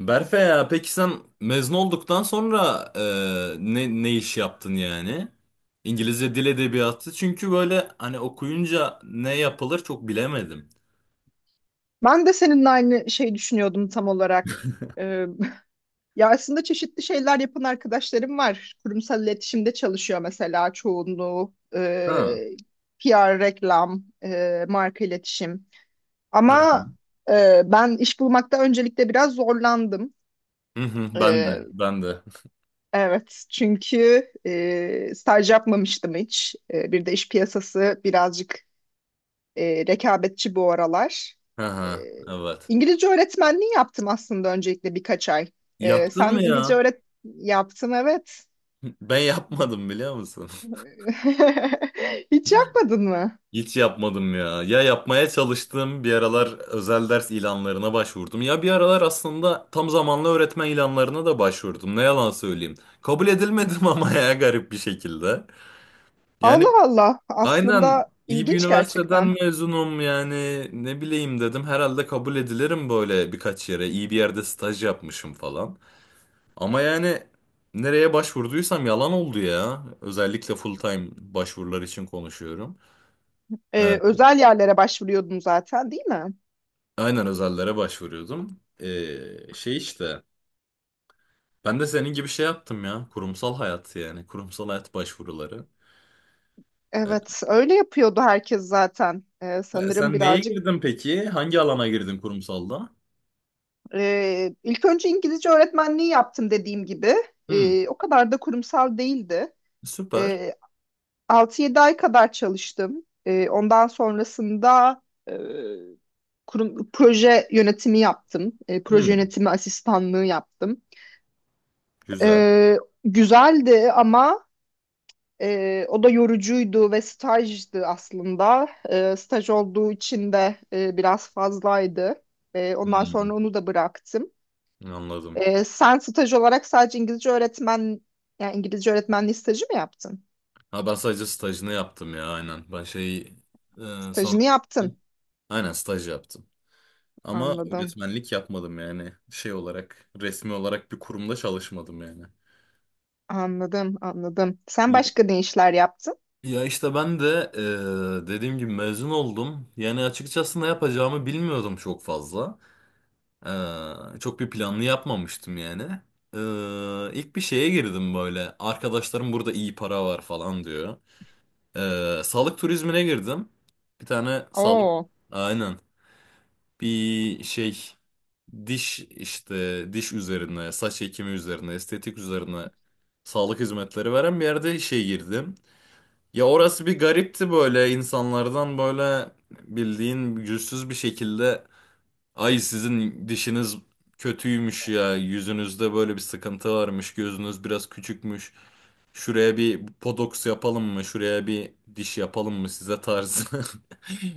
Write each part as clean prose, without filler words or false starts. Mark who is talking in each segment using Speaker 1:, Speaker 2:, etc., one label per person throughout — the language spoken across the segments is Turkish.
Speaker 1: Berfe, ya peki sen mezun olduktan sonra ne iş yaptın yani? İngilizce dil edebiyatı çünkü böyle hani okuyunca ne yapılır çok bilemedim.
Speaker 2: Ben de seninle aynı şey düşünüyordum tam olarak. Ya aslında çeşitli şeyler yapan arkadaşlarım var. Kurumsal iletişimde çalışıyor mesela çoğunluğu.
Speaker 1: Ha.
Speaker 2: PR, reklam, marka iletişim.
Speaker 1: Ha.
Speaker 2: Ama ben iş bulmakta öncelikle biraz zorlandım.
Speaker 1: Hı hı, ben de
Speaker 2: E,
Speaker 1: ben de.
Speaker 2: Evet, çünkü staj yapmamıştım hiç. E, bir de iş piyasası birazcık rekabetçi bu aralar.
Speaker 1: Ha
Speaker 2: E,
Speaker 1: ha, evet.
Speaker 2: İngilizce öğretmenliği yaptım aslında öncelikle birkaç ay.
Speaker 1: Yaptın
Speaker 2: Sen
Speaker 1: mı
Speaker 2: İngilizce
Speaker 1: ya?
Speaker 2: öğret yaptın evet.
Speaker 1: Ben yapmadım biliyor musun?
Speaker 2: Hiç yapmadın mı?
Speaker 1: Hiç yapmadım ya. Ya yapmaya çalıştım bir aralar özel ders ilanlarına başvurdum. Ya bir aralar aslında tam zamanlı öğretmen ilanlarına da başvurdum. Ne yalan söyleyeyim. Kabul edilmedim ama ya garip bir şekilde. Yani
Speaker 2: Allah Allah,
Speaker 1: aynen
Speaker 2: aslında
Speaker 1: iyi bir
Speaker 2: ilginç
Speaker 1: üniversiteden
Speaker 2: gerçekten.
Speaker 1: mezunum yani ne bileyim dedim. Herhalde kabul edilirim böyle birkaç yere. İyi bir yerde staj yapmışım falan. Ama yani nereye başvurduysam yalan oldu ya. Özellikle full time başvurular için konuşuyorum. Ee,
Speaker 2: Özel yerlere başvuruyordun zaten, değil mi?
Speaker 1: Aynen özellere başvuruyordum. Şey işte ben de senin gibi şey yaptım ya, kurumsal hayat yani kurumsal hayat başvuruları. Ee,
Speaker 2: Evet, öyle yapıyordu herkes zaten. E,
Speaker 1: sen
Speaker 2: sanırım
Speaker 1: sen neye
Speaker 2: birazcık.
Speaker 1: girdin peki? Hangi alana girdin kurumsalda?
Speaker 2: İlk önce İngilizce öğretmenliği yaptım dediğim gibi.
Speaker 1: Hmm,
Speaker 2: O kadar da kurumsal değildi.
Speaker 1: süper.
Speaker 2: Ee, 6-7 ay kadar çalıştım. Ondan sonrasında e, kurum, proje yönetimi yaptım. Proje
Speaker 1: Hmm,
Speaker 2: yönetimi asistanlığı yaptım.
Speaker 1: güzel.
Speaker 2: Ee, güzeldi ama o da yorucuydu ve stajdı aslında. Staj olduğu için de biraz fazlaydı. Ondan sonra
Speaker 1: Hmm,
Speaker 2: onu da bıraktım.
Speaker 1: anladım.
Speaker 2: Sen staj olarak sadece İngilizce öğretmen, yani İngilizce öğretmenliği stajı mı yaptın?
Speaker 1: Ha, ben sadece stajını yaptım ya aynen. Ben şey, son,
Speaker 2: Stajını yaptın.
Speaker 1: aynen staj yaptım. Ama
Speaker 2: Anladım,
Speaker 1: öğretmenlik yapmadım yani şey olarak, resmi olarak bir kurumda çalışmadım yani.
Speaker 2: anladım, anladım. Sen başka ne işler yaptın?
Speaker 1: Ya işte ben de dediğim gibi mezun oldum. Yani açıkçası ne yapacağımı bilmiyordum çok fazla. Çok bir planlı yapmamıştım yani. İlk bir şeye girdim böyle. Arkadaşlarım burada iyi para var falan diyor. Sağlık turizmine girdim. Bir tane sağlık,
Speaker 2: Oo,
Speaker 1: aynen, bir şey, diş işte, diş üzerine, saç ekimi üzerine, estetik üzerine sağlık hizmetleri veren bir yerde işe girdim. Ya orası bir garipti, böyle insanlardan böyle bildiğin yüzsüz bir şekilde, ay sizin dişiniz kötüymüş ya, yüzünüzde böyle bir sıkıntı varmış, gözünüz biraz küçükmüş, şuraya bir botoks yapalım mı, şuraya bir diş yapalım mı size, tarzı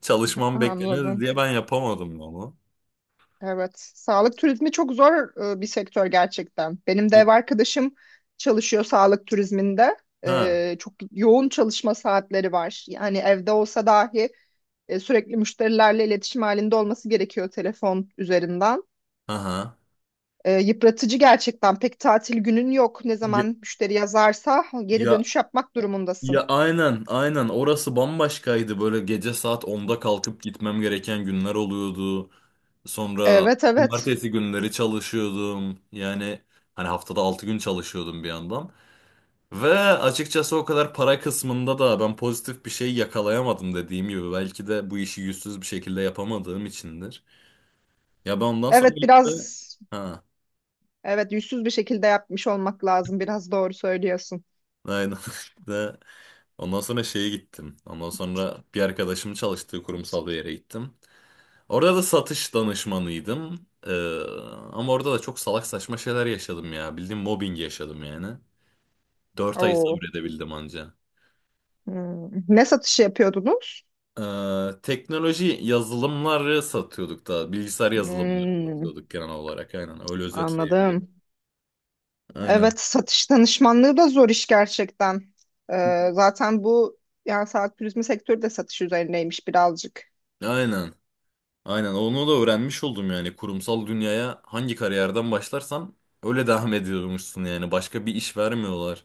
Speaker 1: çalışmam bekleniyordu
Speaker 2: anladım.
Speaker 1: diye ben yapamadım onu.
Speaker 2: Evet, sağlık turizmi çok zor bir sektör gerçekten. Benim de ev arkadaşım çalışıyor sağlık turizminde.
Speaker 1: Ha.
Speaker 2: Çok yoğun çalışma saatleri var. Yani evde olsa dahi sürekli müşterilerle iletişim halinde olması gerekiyor telefon üzerinden.
Speaker 1: Aha.
Speaker 2: Yıpratıcı gerçekten. Pek tatil günün yok. Ne
Speaker 1: Ya,
Speaker 2: zaman müşteri yazarsa geri
Speaker 1: ya
Speaker 2: dönüş yapmak durumundasın.
Speaker 1: ya, aynen aynen, orası bambaşkaydı, böyle gece saat 10'da kalkıp gitmem gereken günler oluyordu. Sonra
Speaker 2: Evet, evet.
Speaker 1: cumartesi günleri çalışıyordum. Yani hani haftada 6 gün çalışıyordum bir yandan. Ve açıkçası o kadar para kısmında da ben pozitif bir şey yakalayamadım dediğim gibi. Belki de bu işi yüzsüz bir şekilde yapamadığım içindir. Ya ben ondan sonra
Speaker 2: Evet,
Speaker 1: işte...
Speaker 2: biraz
Speaker 1: Ha,
Speaker 2: evet yüzsüz bir şekilde yapmış olmak lazım. Biraz doğru söylüyorsun.
Speaker 1: aynen. İşte, ondan sonra şeye gittim. Ondan sonra bir arkadaşımın çalıştığı kurumsal bir yere gittim. Orada da satış danışmanıydım. Ama orada da çok salak saçma şeyler yaşadım ya. Bildiğin mobbing yaşadım yani. 4 ay
Speaker 2: Oo.
Speaker 1: sabredebildim anca.
Speaker 2: Hmm. Ne satışı yapıyordunuz?
Speaker 1: Teknoloji yazılımları satıyorduk da. Bilgisayar yazılımları
Speaker 2: Hmm,
Speaker 1: satıyorduk genel olarak. Aynen öyle özetleyebilirim.
Speaker 2: anladım.
Speaker 1: Aynen.
Speaker 2: Evet, satış danışmanlığı da zor iş gerçekten. Zaten bu yani saat turizmi sektörü de satış üzerineymiş birazcık.
Speaker 1: Aynen. Aynen onu da öğrenmiş oldum yani. Kurumsal dünyaya hangi kariyerden başlarsan öyle devam ediyormuşsun yani. Başka bir iş vermiyorlar.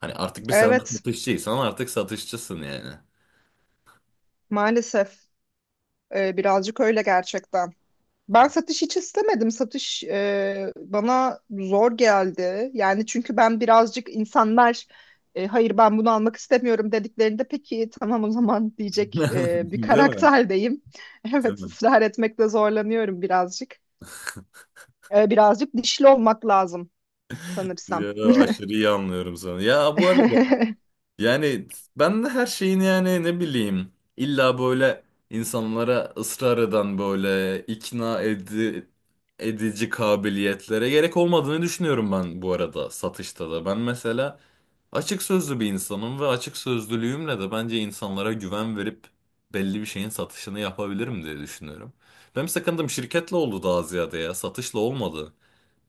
Speaker 1: Hani artık bir, sen
Speaker 2: Evet,
Speaker 1: satışçıysan artık satışçısın yani.
Speaker 2: maalesef birazcık öyle gerçekten. Ben satış hiç istemedim. Satış bana zor geldi. Yani çünkü ben birazcık insanlar hayır ben bunu almak istemiyorum dediklerinde peki tamam o zaman diyecek bir
Speaker 1: Değil mi?
Speaker 2: karakterdeyim.
Speaker 1: Değil
Speaker 2: Evet
Speaker 1: mi?
Speaker 2: ısrar etmekte zorlanıyorum birazcık. Birazcık dişli olmak lazım sanırsam.
Speaker 1: Ya, aşırı iyi anlıyorum sana. Ya, bu arada, yani ben de her şeyin yani ne bileyim, illa böyle insanlara ısrar eden böyle ikna edici kabiliyetlere gerek olmadığını düşünüyorum ben bu arada satışta da. Ben mesela açık sözlü bir insanım ve açık sözlülüğümle de bence insanlara güven verip belli bir şeyin satışını yapabilirim diye düşünüyorum. Benim sakındığım şirketle oldu daha ziyade, ya satışla olmadı.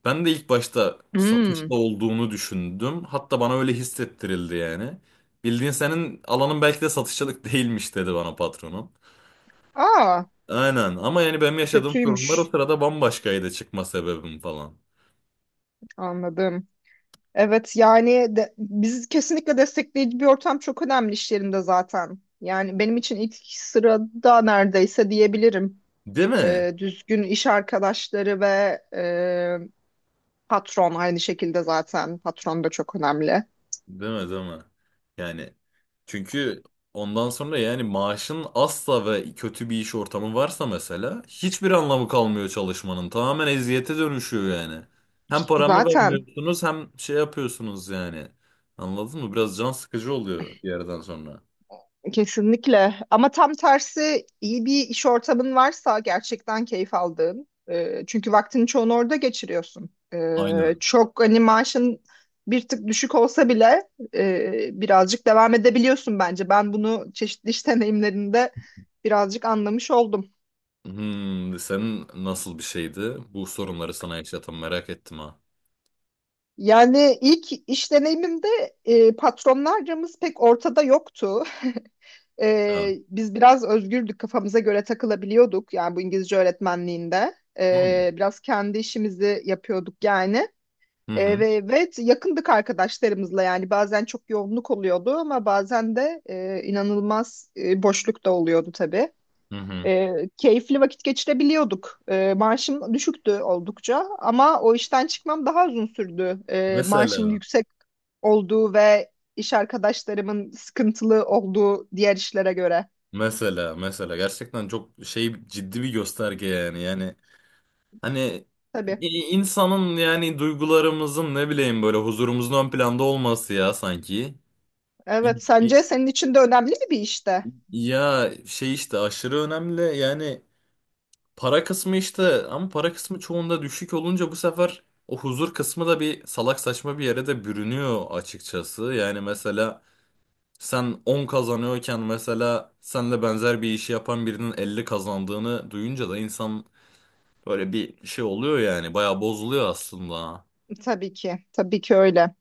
Speaker 1: Ben de ilk başta satışta
Speaker 2: Hmm.
Speaker 1: olduğunu düşündüm. Hatta bana öyle hissettirildi yani. Bildiğin, senin alanın belki de satışçılık değilmiş dedi bana patronum.
Speaker 2: Aa
Speaker 1: Aynen, ama yani benim yaşadığım sorunlar o
Speaker 2: kötüymüş.
Speaker 1: sırada bambaşkaydı, çıkma sebebim falan.
Speaker 2: Anladım. Evet yani de- biz kesinlikle destekleyici bir ortam çok önemli iş yerinde zaten. Yani benim için ilk sırada neredeyse diyebilirim.
Speaker 1: Değil mi?
Speaker 2: Düzgün iş arkadaşları ve e, patron aynı şekilde zaten. Patron da çok önemli.
Speaker 1: Değil mi, değil mi? Yani çünkü ondan sonra yani, maaşın asla ve kötü bir iş ortamı varsa mesela hiçbir anlamı kalmıyor çalışmanın. Tamamen eziyete dönüşüyor yani. Hem paramı
Speaker 2: Zaten
Speaker 1: vermiyorsunuz, hem şey yapıyorsunuz yani. Anladın mı? Biraz can sıkıcı oluyor bir yerden sonra.
Speaker 2: kesinlikle. Ama tam tersi iyi bir iş ortamın varsa gerçekten keyif aldığın. E, çünkü vaktini çoğunu orada geçiriyorsun. E,
Speaker 1: Aynen.
Speaker 2: çok hani maaşın bir tık düşük olsa bile birazcık devam edebiliyorsun bence. Ben bunu çeşitli iş deneyimlerinde birazcık anlamış oldum.
Speaker 1: Hmm, senin nasıl bir şeydi? Bu sorunları sana yaşatan, merak ettim ha.
Speaker 2: Yani ilk iş deneyimimde patronlarımız pek ortada yoktu.
Speaker 1: Ha.
Speaker 2: Biz biraz özgürdük, kafamıza göre takılabiliyorduk. Yani bu İngilizce öğretmenliğinde
Speaker 1: Hı hı.
Speaker 2: Biraz kendi işimizi yapıyorduk yani.
Speaker 1: Hı hı.
Speaker 2: Ve evet yakındık arkadaşlarımızla yani bazen çok yoğunluk oluyordu ama bazen de inanılmaz boşluk da oluyordu tabii.
Speaker 1: Hı hı.
Speaker 2: Keyifli vakit geçirebiliyorduk. Maaşım düşüktü oldukça ama o işten çıkmam daha uzun sürdü. Maaşım
Speaker 1: Mesela.
Speaker 2: yüksek olduğu ve iş arkadaşlarımın sıkıntılı olduğu diğer işlere göre.
Speaker 1: Mesela mesela gerçekten çok şey, ciddi bir gösterge yani hani
Speaker 2: Tabii.
Speaker 1: insanın yani duygularımızın ne bileyim, böyle huzurumuzun ön planda olması ya sanki. İ-
Speaker 2: Evet,
Speaker 1: i-
Speaker 2: sence senin için de önemli mi bir işte?
Speaker 1: Ya şey işte, aşırı önemli yani para kısmı işte, ama para kısmı çoğunda düşük olunca bu sefer o huzur kısmı da bir salak saçma bir yere de bürünüyor açıkçası. Yani mesela sen 10 kazanıyorken, mesela senle benzer bir işi yapan birinin 50 kazandığını duyunca da insan, böyle bir şey oluyor yani. Bayağı bozuluyor aslında.
Speaker 2: Tabii ki. Tabii ki öyle.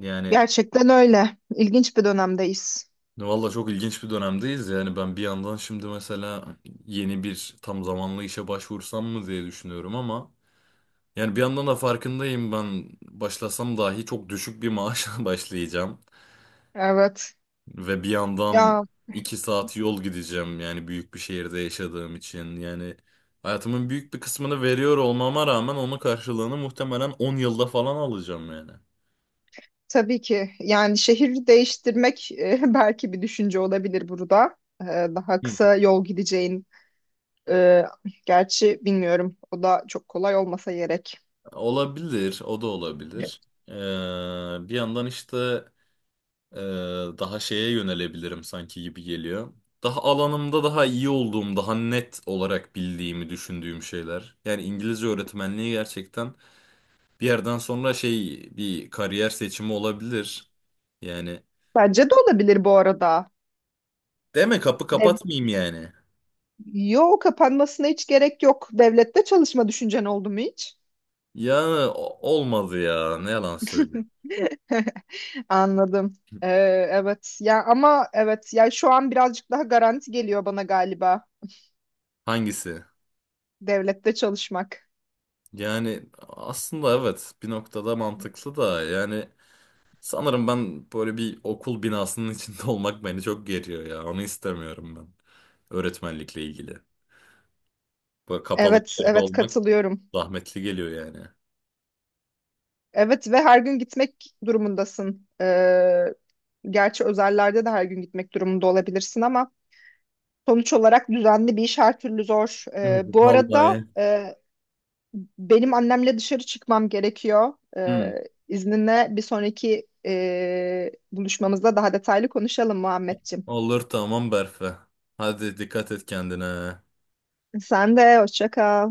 Speaker 1: Yani
Speaker 2: Gerçekten öyle. İlginç bir dönemdeyiz.
Speaker 1: valla çok ilginç bir dönemdeyiz. Yani ben bir yandan şimdi mesela yeni bir tam zamanlı işe başvursam mı diye düşünüyorum, ama yani bir yandan da farkındayım, ben başlasam dahi çok düşük bir maaşla başlayacağım.
Speaker 2: Evet.
Speaker 1: Ve bir yandan
Speaker 2: Ya
Speaker 1: 2 saat yol gideceğim yani, büyük bir şehirde yaşadığım için. Yani hayatımın büyük bir kısmını veriyor olmama rağmen onun karşılığını muhtemelen 10 yılda falan alacağım yani.
Speaker 2: tabii ki. Yani şehir değiştirmek belki bir düşünce olabilir burada. E, daha kısa yol gideceğin. e, gerçi bilmiyorum. O da çok kolay olmasa gerek.
Speaker 1: Olabilir, o da olabilir. Ee, bir yandan işte, e, daha şeye yönelebilirim sanki gibi geliyor. Daha alanımda daha iyi olduğum, daha net olarak bildiğimi düşündüğüm şeyler. Yani İngilizce öğretmenliği gerçekten bir yerden sonra şey, bir kariyer seçimi olabilir. Yani
Speaker 2: Bence de olabilir bu arada.
Speaker 1: deme, kapı
Speaker 2: Dev
Speaker 1: kapatmayayım yani.
Speaker 2: Yo kapanmasına hiç gerek yok. Devlette çalışma düşüncen oldu mu hiç?
Speaker 1: Ya olmadı ya, ne yalan söyleyeyim.
Speaker 2: Anladım. Evet. Ya ama evet. Ya şu an birazcık daha garanti geliyor bana galiba
Speaker 1: Hangisi?
Speaker 2: devlette çalışmak.
Speaker 1: Yani aslında evet, bir noktada mantıklı da yani. Sanırım ben böyle bir okul binasının içinde olmak beni çok geriyor ya. Onu istemiyorum ben. Öğretmenlikle ilgili. Böyle kapalı bir
Speaker 2: Evet,
Speaker 1: yerde
Speaker 2: evet
Speaker 1: olmak
Speaker 2: katılıyorum.
Speaker 1: zahmetli geliyor yani.
Speaker 2: Evet ve her gün gitmek durumundasın. Gerçi özellerde de her gün gitmek durumunda olabilirsin ama sonuç olarak düzenli bir iş her türlü zor.
Speaker 1: Evet.
Speaker 2: Bu arada
Speaker 1: Vallahi.
Speaker 2: benim annemle dışarı çıkmam gerekiyor.
Speaker 1: Hı.
Speaker 2: İzninle bir sonraki buluşmamızda daha detaylı konuşalım Muhammedciğim.
Speaker 1: Olur, tamam Berfe. Hadi, dikkat et kendine.
Speaker 2: Sen de hoşça kal.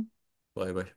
Speaker 1: Bay bay.